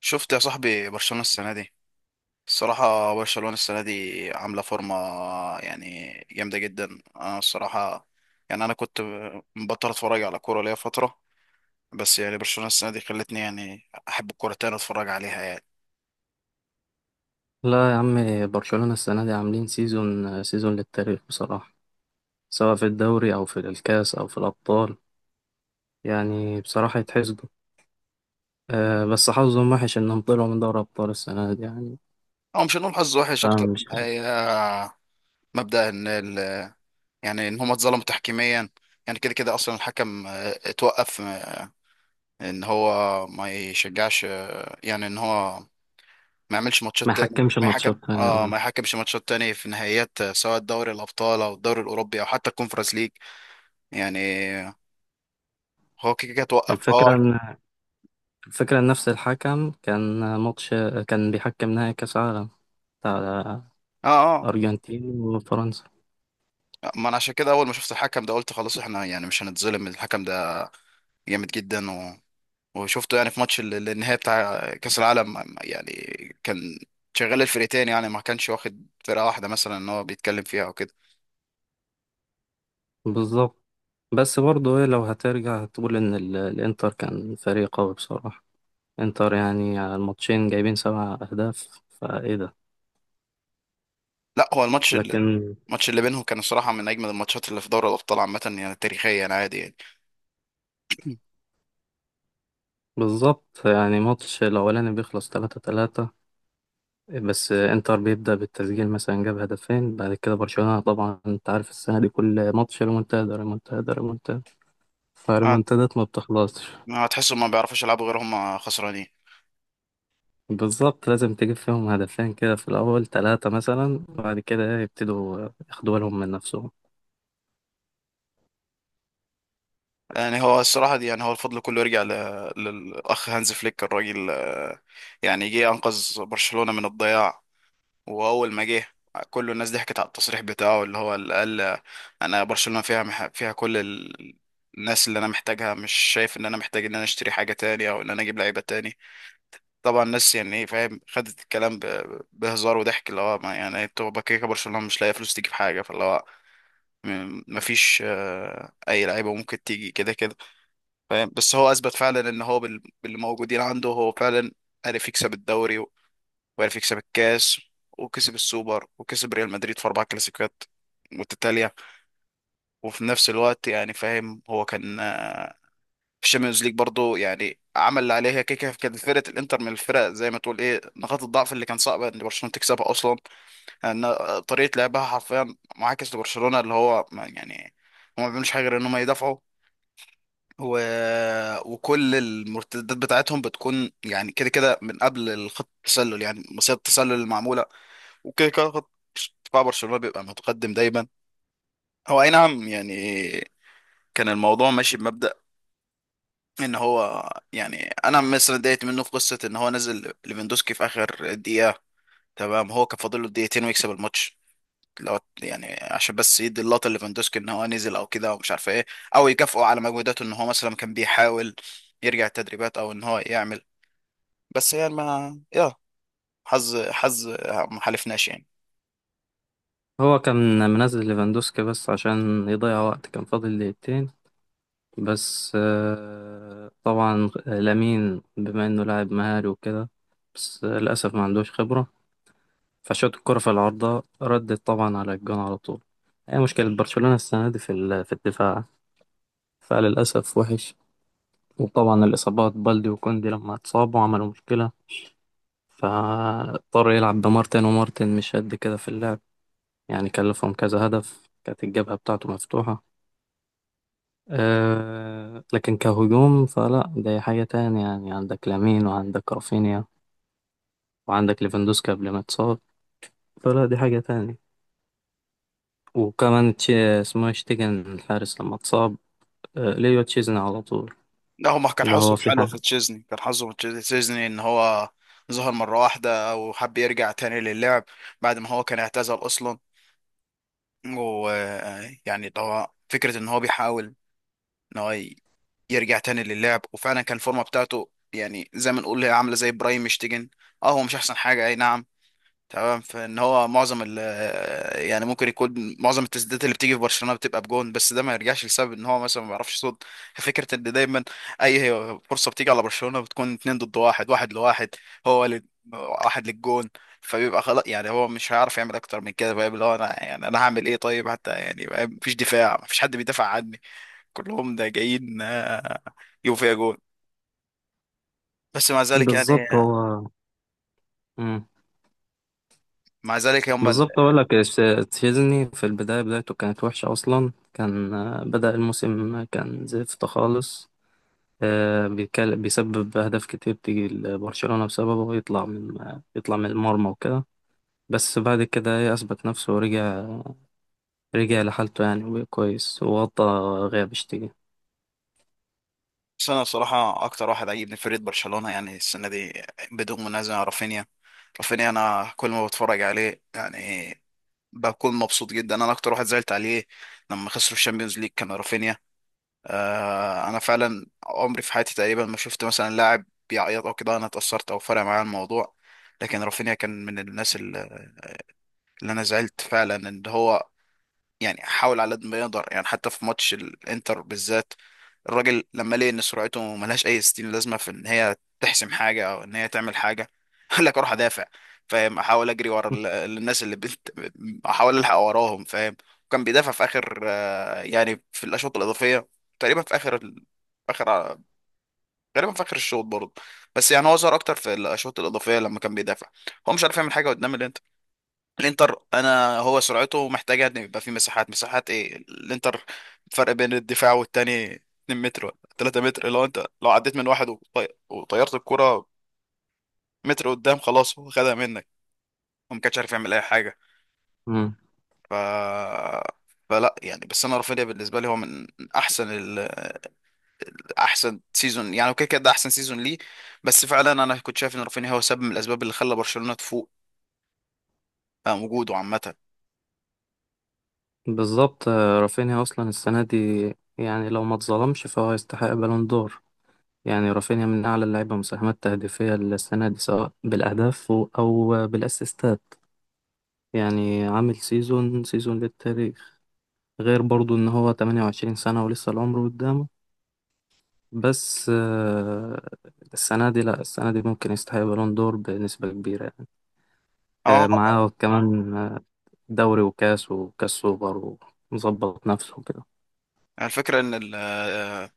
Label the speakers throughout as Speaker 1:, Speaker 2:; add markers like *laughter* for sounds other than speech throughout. Speaker 1: شفت يا صاحبي برشلونة السنة دي. الصراحة برشلونة السنة دي عاملة فورمة، يعني جامدة جدا. أنا الصراحة يعني أنا كنت مبطل أتفرج على كورة ليا فترة، بس يعني برشلونة السنة دي خلتني يعني أحب الكورة تاني أتفرج عليها يعني.
Speaker 2: لا يا عم. برشلونة السنة دي عاملين سيزون سيزون للتاريخ بصراحة، سواء في الدوري أو في الكاس أو في الأبطال. يعني بصراحة يتحسدوا. أه، بس حظهم وحش إنهم طلعوا من دوري أبطال السنة دي يعني.
Speaker 1: أو مش هنقول حظ وحش أكتر
Speaker 2: فمش
Speaker 1: من هي مبدأ إن ال يعني إن هما اتظلموا تحكيميا. يعني كده كده أصلا الحكم اتوقف، إن هو ما يشجعش، يعني إن هو ما يعملش
Speaker 2: ما
Speaker 1: ماتشات تاني
Speaker 2: حكمش
Speaker 1: ما يحكم
Speaker 2: ماتشات يعني اه.
Speaker 1: ما يحكمش ماتشات تاني في نهائيات، سواء دوري الابطال او الدوري الاوروبي او حتى الكونفرنس ليج. يعني هو كده كده توقف هو
Speaker 2: الفكرة إن الفكرة إن نفس الحكم كان ماتش، كان بيحكم نهائي كأس عالم بتاع
Speaker 1: اه
Speaker 2: أرجنتين وفرنسا.
Speaker 1: آه. ما انا عشان كده اول ما شفت الحكم ده قلت خلاص احنا يعني مش هنتظلم. الحكم ده جامد جدا وشفته يعني في ماتش النهائي بتاع كاس العالم يعني. كان شغال الفرقتين، يعني ما كانش واخد فرقه واحده مثلا ان هو بيتكلم فيها او كده.
Speaker 2: بالظبط. بس برضه إيه، لو هترجع هتقول إن الإنتر كان فريق قوي بصراحة. انتر يعني على الماتشين جايبين سبع أهداف، فايه ده؟
Speaker 1: لا هو الماتش ال-
Speaker 2: لكن
Speaker 1: الماتش اللي بينهم كان الصراحه من اجمل الماتشات اللي في دوري الابطال عامه، يعني تاريخيا عادي يعني.
Speaker 2: بالظبط. يعني ماتش الأولاني بيخلص تلاتة تلاتة، بس انتر بيبدأ بالتسجيل، مثلا جاب هدفين، بعد كده برشلونة طبعا انت عارف السنة دي كل ماتش ريمونتادا ريمونتادا ريمونتادا،
Speaker 1: *clears throat*
Speaker 2: فالريمونتادات ما بتخلصش.
Speaker 1: هتحسوا ما بيعرفوش يلعبوا غير هم خسرانين.
Speaker 2: بالظبط، لازم تجيب فيهم هدفين كده في الأول تلاتة مثلا، بعد كده يبتدوا ياخدوا بالهم من نفسهم.
Speaker 1: يعني هو الصراحة دي، يعني هو الفضل كله يرجع للأخ هانز فليك الراجل، يعني جه أنقذ برشلونة من الضياع. وأول ما جه كل الناس ضحكت على التصريح بتاعه اللي هو اللي قال، أنا برشلونة فيها فيها كل الناس اللي أنا محتاجها، مش شايف إن أنا محتاج إن أنا أشتري حاجة تاني أو إن أنا أجيب لعيبة تاني. طبعا الناس يعني إيه فاهم خدت الكلام بهزار وضحك، اللي هو ما يعني أنتوا بكيكة برشلونة مش لاقية فلوس تجيب حاجة، فاللي هو مفيش، اي لعيبه ممكن تيجي كده كده فاهم. بس هو اثبت فعلا ان هو باللي موجودين عنده هو فعلا عرف يكسب الدوري، وعرف يكسب الكاس، وكسب السوبر، وكسب ريال مدريد في اربع كلاسيكيات متتاليه. وفي نفس الوقت يعني فاهم هو كان، في الشامبيونز ليج برضه يعني عمل اللي عليه. هي كده كده كانت فرقه الانتر من الفرق زي ما تقول ايه نقاط الضعف اللي كان صعب ان برشلونه تكسبها اصلا. ان طريقه لعبها حرفيا معاكس لبرشلونه، اللي هو يعني هم ما بيعملوش حاجه غير ان هم يدافعوا، و... وكل المرتدات بتاعتهم بتكون يعني كده كده من قبل الخط التسلل، يعني مصيدة التسلل المعمولة. وكده كده خط دفاع برشلونة بيبقى متقدم دايما. هو أي نعم يعني كان الموضوع ماشي بمبدأ إن هو يعني. أنا مثلا اتضايقت منه في قصة إن هو نزل ليفاندوسكي في آخر دقيقة. تمام هو كان فاضل له دقيقتين ويكسب الماتش، لو يعني عشان بس يدي اللقطة ليفاندوسكي إن هو نزل أو كده ومش عارف إيه، أو يكافئه على مجهوداته إن هو مثلا كان بيحاول يرجع التدريبات او ان هو يعمل. بس يعني ما يا، حظ ما حالفناش يعني.
Speaker 2: هو كان منزل ليفاندوسكي بس عشان يضيع وقت، كان فاضل دقيقتين. بس طبعا لامين بما انه لاعب مهاري وكده، بس للاسف ما عندوش خبره، فشوت الكره في العارضه ردت طبعا على الجون على طول. هي مشكله برشلونه السنه دي في الدفاع، فللاسف وحش. وطبعا الاصابات بالدي وكوندي لما اتصابوا عملوا مشكله، فاضطر يلعب بمارتن، ومارتن مش قد كده في اللعب، يعني كلفهم كذا هدف، كانت الجبهه بتاعته مفتوحه. أه لكن كهجوم فلا، ده حاجة تانية، يعني عندك لامين وعندك رافينيا وعندك ليفاندوسكي قبل ما اتصاب. فلا دي حاجة تانية. وكمان اسمه إيه، شتيجن الحارس لما اتصاب، أه ليو تشيزني على طول.
Speaker 1: لا هو ما كان
Speaker 2: اللي هو
Speaker 1: حظه
Speaker 2: في
Speaker 1: حلو في
Speaker 2: حاجة
Speaker 1: تشيزني، كان حظه في تشيزني ان هو ظهر مرة واحدة وحب يرجع تاني للعب بعد ما هو كان اعتزل اصلا. ويعني اللي هو فكرة ان هو بيحاول ان هو يرجع تاني للعب، وفعلا كان الفورمة بتاعته يعني زي ما نقول هي عاملة زي برايم مشتيجن. اه هو مش احسن حاجة اي نعم، تمام. فان هو معظم يعني ممكن يكون معظم التسديدات اللي بتيجي في برشلونه بتبقى بجون، بس ده ما يرجعش لسبب ان هو مثلا ما بيعرفش يصد. فكره ان دايما اي فرصه بتيجي على برشلونه بتكون اتنين ضد واحد، واحد لواحد، هو ل... واحد للجون، فبيبقى خلاص يعني هو مش هيعرف يعمل اكتر من كده بقى. اللي هو انا يعني انا هعمل ايه طيب حتى، يعني بقى مفيش دفاع مفيش حد بيدافع عني كلهم ده جايين، يجوا فيها جون. بس مع ذلك
Speaker 2: بالظبط
Speaker 1: يعني،
Speaker 2: هو. مم.
Speaker 1: مع ذلك هم.
Speaker 2: بالظبط أقول لك إيش، تشيزني في البداية بدايته كانت وحشة أصلا، كان بدأ الموسم، كان زفت خالص، بيسبب أهداف كتير تيجي لبرشلونة بسببه، ويطلع من آه، يطلع من المرمى وكده. بس بعد كده ايه اثبت نفسه ورجع لحالته يعني، وبقى كويس وغطى غياب اشتكي.
Speaker 1: بس انا بصراحه اكتر واحد عجبني فريق برشلونه يعني السنه دي بدون منازع رافينيا. رافينيا انا كل ما بتفرج عليه يعني بكون مبسوط جدا. انا اكتر واحد زعلت عليه لما خسروا الشامبيونز ليج كان رافينيا. آه انا فعلا عمري في حياتي تقريبا ما شفت مثلا لاعب بيعيط او كده انا اتاثرت او فرق معايا الموضوع، لكن رافينيا كان من الناس اللي انا زعلت فعلا ان هو يعني حاول على قد ما يقدر. يعني حتى في ماتش الانتر بالذات، الراجل لما لقى ان سرعته ملهاش اي ستين لازمه في ان هي تحسم حاجه او ان هي تعمل حاجه، *laughs* قال لك اروح ادافع فاهم. احاول اجري ورا الناس اللي بنت، احاول الحق وراهم فاهم. وكان بيدافع في اخر، يعني في الاشواط الاضافيه تقريبا في اخر غالبا في اخر الشوط برضه. بس يعني هو ظهر اكتر في الاشواط الاضافيه لما كان بيدافع. هو مش عارف يعمل حاجه قدام الانتر، انا هو سرعته محتاجه ان يبقى في مساحات، ايه الانتر فرق بين الدفاع والتاني 2 متر ولا 3 متر. لو انت لو عديت من واحد وطيرت الكرة متر قدام خلاص هو خدها منك وما كانش عارف يعمل اي حاجه.
Speaker 2: مم.
Speaker 1: ف، فلا يعني. بس انا رافينيا بالنسبه لي هو من احسن ال... احسن سيزون يعني، وكده كده ده احسن سيزون ليه. بس فعلا انا كنت شايف ان رافينيا هو سبب من الاسباب اللي خلى برشلونه تفوق، وجوده عامه.
Speaker 2: بالظبط، رافينيا اصلا السنه دي، يعني لو ما اتظلمش فهو يستحق بالون دور. يعني رافينيا من اعلى اللعيبه مساهمات تهديفيه السنه دي، سواء بالاهداف او بالاسيستات. يعني عامل سيزون سيزون للتاريخ، غير برضو ان هو 28 سنه ولسه العمر قدامه. بس السنه دي لا السنه دي ممكن يستحق بالون دور بنسبه كبيره.
Speaker 1: اه
Speaker 2: معاه كمان دوري وكاس وكاس سوبر، ومظبط نفسه كده.
Speaker 1: الفكره ان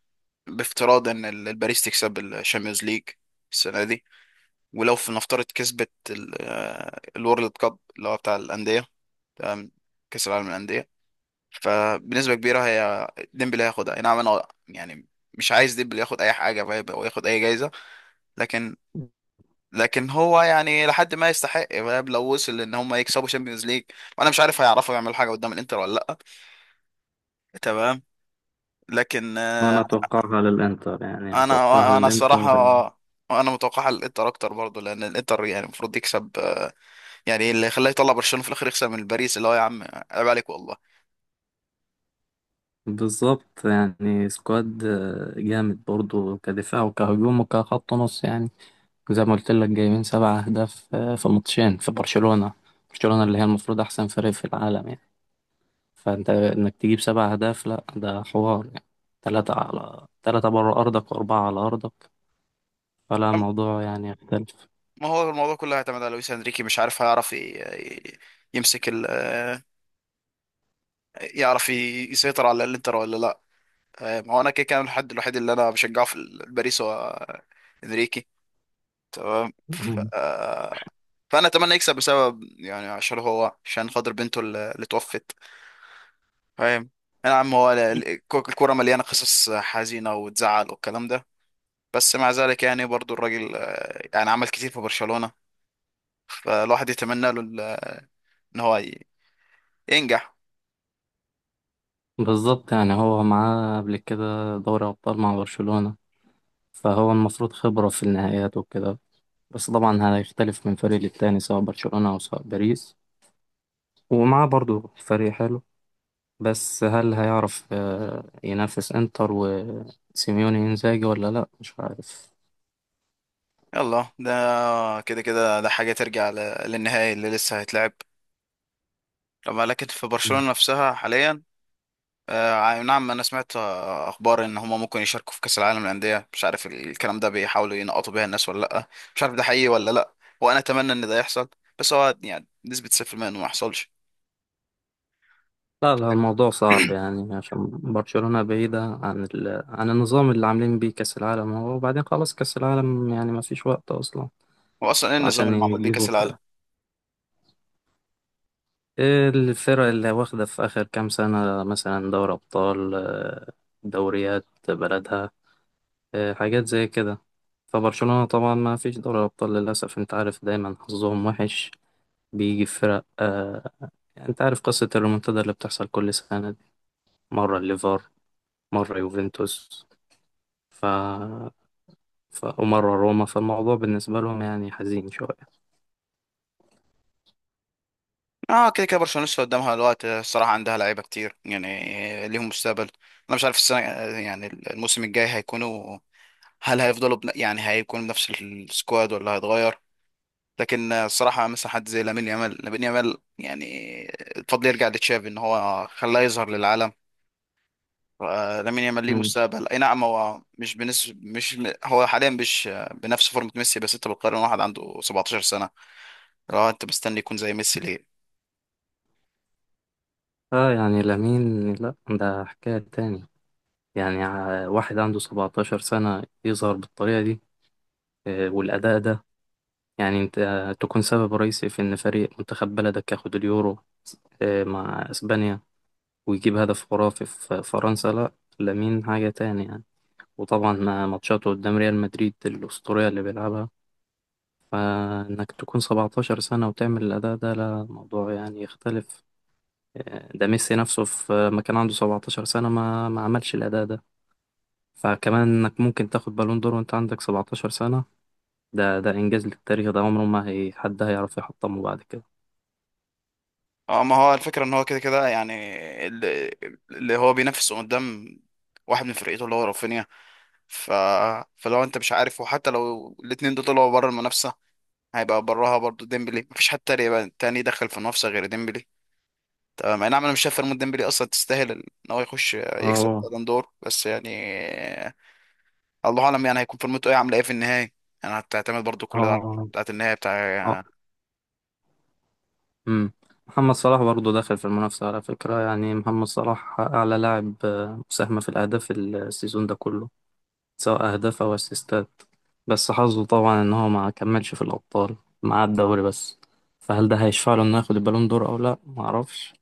Speaker 1: بافتراض ان الباريس تكسب الشامبيونز ليج السنه دي، ولو في نفترض كسبت الورلد كاب اللي هو بتاع الانديه، تمام، كاس العالم للانديه، فبنسبه كبيره هي ديمبلي هياخدها أي نعم. انا يعني مش عايز ديمبلي ياخد اي حاجه فاهم او ياخد اي جايزه، لكن، لكن هو يعني لحد ما يستحق فاهم لو وصل ان هم يكسبوا شامبيونز ليج. وانا مش عارف هيعرفوا يعملوا حاجه قدام الانتر ولا لا، تمام، لكن آه،
Speaker 2: أنا أتوقعها للإنتر، يعني أتوقعها
Speaker 1: انا،
Speaker 2: للإنتر.
Speaker 1: الصراحه انا متوقع الانتر اكتر برضه لان الانتر يعني المفروض يكسب، يعني اللي خلاه يطلع برشلونه في الاخر يكسب من باريس اللي هو يا عم عيب عليك والله.
Speaker 2: بالظبط، يعني سكواد جامد برضو، كدفاع وكهجوم وكخط نص يعني. زي ما قلت لك جايبين سبع أهداف في ماتشين، في برشلونة، برشلونة اللي هي المفروض أحسن فريق في العالم يعني. فأنت إنك تجيب سبع أهداف، لأ ده حوار يعني، تلاتة على تلاتة بره أرضك وأربعة على أرضك، فلا
Speaker 1: أم-
Speaker 2: الموضوع يعني يختلف.
Speaker 1: ما هو الموضوع كله هيعتمد على لويس انريكي مش عارف هيعرف ي- يمسك ال آه، يعرف يسيطر على الانتر ولا لا. ما هو انا كده كان الحد الوحيد اللي انا بشجعه في باريس هو، انريكي، تمام. ف... آه، فانا اتمنى يكسب بسبب يعني، عشان هو عشان خاطر بنته اللي توفت فاهم. يا عم هو الكرة مليانة قصص حزينة وتزعل والكلام ده، بس مع ذلك يعني برضو الراجل، يعني عمل كتير في برشلونة. فالواحد يتمنى له ان هو ينجح.
Speaker 2: بالظبط، يعني هو معاه قبل كده دوري أبطال مع برشلونة، فهو المفروض خبرة في النهائيات وكده. بس طبعا هيختلف من فريق للتاني، سواء برشلونة أو سواء باريس. ومعاه برضو فريق حلو، بس هل هيعرف ينافس إنتر وسيميوني إنزاجي ولا لأ، مش عارف.
Speaker 1: يلا ده كده كده ده حاجة ترجع للنهائي اللي لسه هيتلعب طبعا. لكن في
Speaker 2: مم.
Speaker 1: برشلونة نفسها حاليا، نعم انا سمعت، اخبار ان هما ممكن يشاركوا في كأس العالم للأندية. مش عارف الكلام ده بيحاولوا ينقطوا بيها الناس ولا لا، مش عارف ده حقيقي ولا لا، وانا اتمنى ان ده يحصل، بس هو يعني نسبة 0% انه ما يحصلش.
Speaker 2: لا لا، الموضوع صعب
Speaker 1: *clears throat*
Speaker 2: يعني، عشان برشلونة بعيدة عن النظام اللي عاملين بيه كأس العالم. هو وبعدين خلاص كأس العالم يعني ما فيش وقت أصلا
Speaker 1: هو اصلا ايه النظام
Speaker 2: عشان
Speaker 1: اللي معمول بيه
Speaker 2: يجيبوا
Speaker 1: كاس العالم؟
Speaker 2: إيه الفرق اللي واخدة في آخر كام سنة، مثلا دوري أبطال دوريات بلدها، حاجات زي كده. فبرشلونة طبعا ما فيش دوري أبطال للأسف، أنت عارف دايما حظهم وحش، بيجي في فرق يعني أنت عارف قصة الريمونتادا اللي بتحصل كل سنة دي، مرة الليفر، مرة يوفنتوس، ف... ومرة روما، فالموضوع بالنسبة لهم يعني حزين شوية.
Speaker 1: اه كده كده برشلونه لسه قدامها الوقت. الصراحه عندها لعيبه كتير يعني ليهم مستقبل. انا مش عارف السنه يعني الموسم الجاي هيكونوا، هل هيفضلوا يعني هيكونوا بنفس السكواد ولا هيتغير. لكن الصراحه مثلا حد زي لامين يامال، لامين يامال يعني الفضل يرجع لتشافي ان هو خلاه يظهر للعالم. لامين يامال ليه
Speaker 2: مم.
Speaker 1: مستقبل اي نعم. هو مش بنسبه مش، هو حاليا مش بنفس فورمه ميسي، بس انت بتقارن واحد عنده 17 سنه لو انت مستني يكون زي ميسي ليه.
Speaker 2: اه يعني لامين لا ده حكاية تاني، يعني واحد عنده 17 سنة يظهر بالطريقة دي، والأداء ده، يعني أنت تكون سبب رئيسي في إن فريق منتخب بلدك ياخد اليورو، مع أسبانيا، ويجيب هدف خرافي في فرنسا، لأ لامين حاجة تاني يعني. وطبعا مع ماتشاته قدام ريال مدريد الأسطورية اللي بيلعبها، فإنك تكون 17 سنة وتعمل الأداء ده، لا موضوع يعني يختلف. ده ميسي نفسه في ما كان عنده 17 سنة ما عملش الأداء ده. فكمان انك ممكن تاخد بالون دور وانت عندك 17 سنة، ده إنجاز للتاريخ، ده عمره ما هي حد هيعرف يحطمه بعد كده.
Speaker 1: اه ما هو الفكرة ان هو كده كده يعني، اللي, اللي هو بينافسه قدام واحد من فرقته اللي هو رافينيا. ف... فلو انت مش عارف، وحتى لو الاتنين دول طلعوا بره المنافسة هيبقى براها برضو ديمبلي، مفيش حد تاني يبقى تاني يدخل في المنافسة غير ديمبلي تمام. اي نعم انا مش شايف فريمون ديمبلي اصلا تستاهل ان هو يخش يكسب
Speaker 2: اه
Speaker 1: بالون دور، بس يعني الله اعلم يعني هيكون فورمته ايه عامله ايه في النهاية. يعني هتعتمد برضو كل ده على
Speaker 2: اه
Speaker 1: بتاعت النهاية
Speaker 2: اه.
Speaker 1: بتاع.
Speaker 2: أمم. محمد صلاح برضه داخل في المنافسة على فكرة، يعني محمد صلاح أعلى لاعب مساهمة في الأهداف السيزون ده كله، سواء أهداف أو أسيستات. بس حظه طبعا إن هو ما كملش في الأبطال، مع الدوري بس. فهل ده هيشفع له إنه ياخد البالون دور أو لأ، معرفش.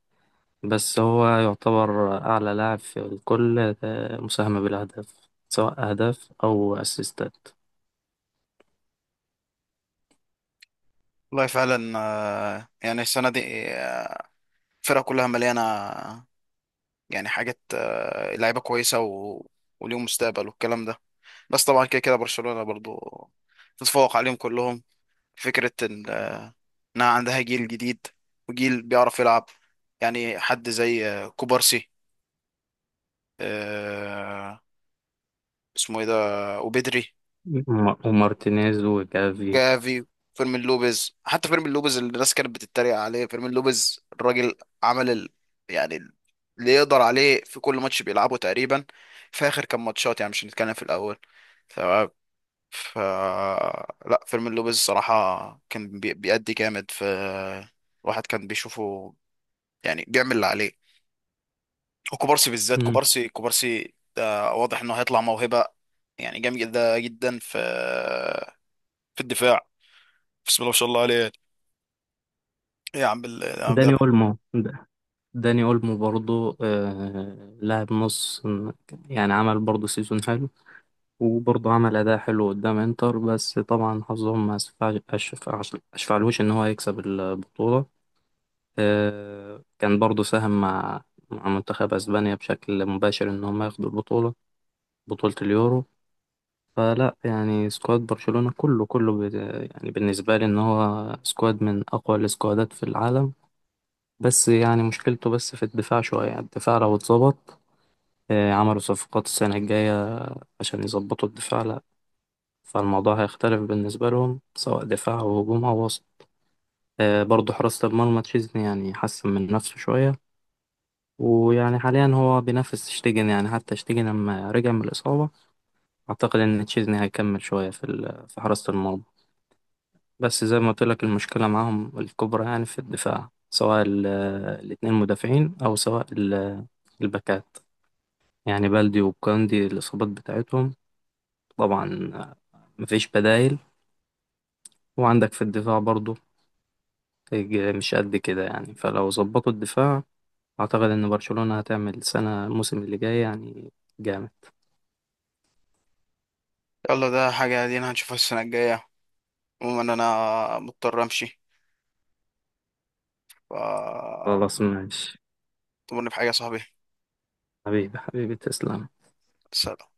Speaker 2: بس هو يعتبر أعلى لاعب في الكل مساهمة بالأهداف، سواء أهداف أو أسيستات.
Speaker 1: والله فعلا، يعني السنة دي، آه، الفرقة كلها مليانة يعني حاجات، لعيبه كويسه وليهم مستقبل والكلام ده. بس طبعا كده كده برشلونه برضو تتفوق عليهم كلهم، فكره انها عندها جيل جديد وجيل بيعرف يلعب. يعني حد زي، كوبارسي، آه، اسمه ايه ده، وبدري،
Speaker 2: ومارتينيز وجافي.
Speaker 1: جافي، فيرمين لوبيز. حتى فيرمين لوبيز اللي الناس كانت بتتريق عليه، فيرمين لوبيز الراجل عمل يعني اللي يقدر عليه في كل ماتش بيلعبه تقريبا في اخر كام ماتشات، يعني مش هنتكلم في الاول. ف، لا فيلم لوبيز الصراحة كان بيأدي جامد في، الواحد كان بيشوفه يعني بيعمل اللي عليه. وكوبارسي بالذات،
Speaker 2: مم.
Speaker 1: كوبارسي ده واضح انه هيطلع موهبة يعني جامدة جدا في في الدفاع. بسم الله ما شاء الله عليه يعني. إيه يا عم يا عم ده.
Speaker 2: داني اولمو د- داني اولمو برضو آه لاعب نص، يعني عمل برضو سيزون حلو، وبرضو عمل اداء حلو قدام انتر. بس طبعا حظهم ما اسفع- أشفع- اشفعلوش ان هو يكسب البطولة. آه كان برضو ساهم مع منتخب اسبانيا بشكل مباشر، ان هم ياخدوا البطولة، بطولة اليورو. فلا يعني سكواد برشلونة كله كله يعني بالنسبة لي إن هو سكواد من أقوى السكوادات في العالم. بس يعني مشكلته بس في الدفاع شوية يعني، الدفاع لو اتظبط عملوا صفقات السنة الجاية عشان يظبطوا الدفاع، لا فالموضوع هيختلف بالنسبة لهم، سواء دفاع أو هجوم أو وسط. برضه حراسة المرمى تشيزني يعني حسن من نفسه شوية. ويعني حاليا هو بينافس شتيجن، يعني حتى شتيجن لما رجع من الإصابة أعتقد إن تشيزني هيكمل شوية في حراسة المرمى. بس زي ما قلت لك المشكلة معاهم الكبرى يعني في الدفاع، سواء الاتنين مدافعين، أو سواء الباكات، يعني بلدي وكاندي الإصابات بتاعتهم طبعا، مفيش بدايل. وعندك في الدفاع برضو مش قد كده يعني، فلو ظبطوا الدفاع أعتقد إن برشلونة هتعمل سنة الموسم اللي جاي يعني جامد.
Speaker 1: يلا ده حاجة دي هنشوفها السنة الجاية. عموما انا مضطر امشي، ف
Speaker 2: خلاص ماشي.
Speaker 1: تمرني في حاجة يا صاحبي.
Speaker 2: حبيبي حبيبي تسلم.
Speaker 1: سلام.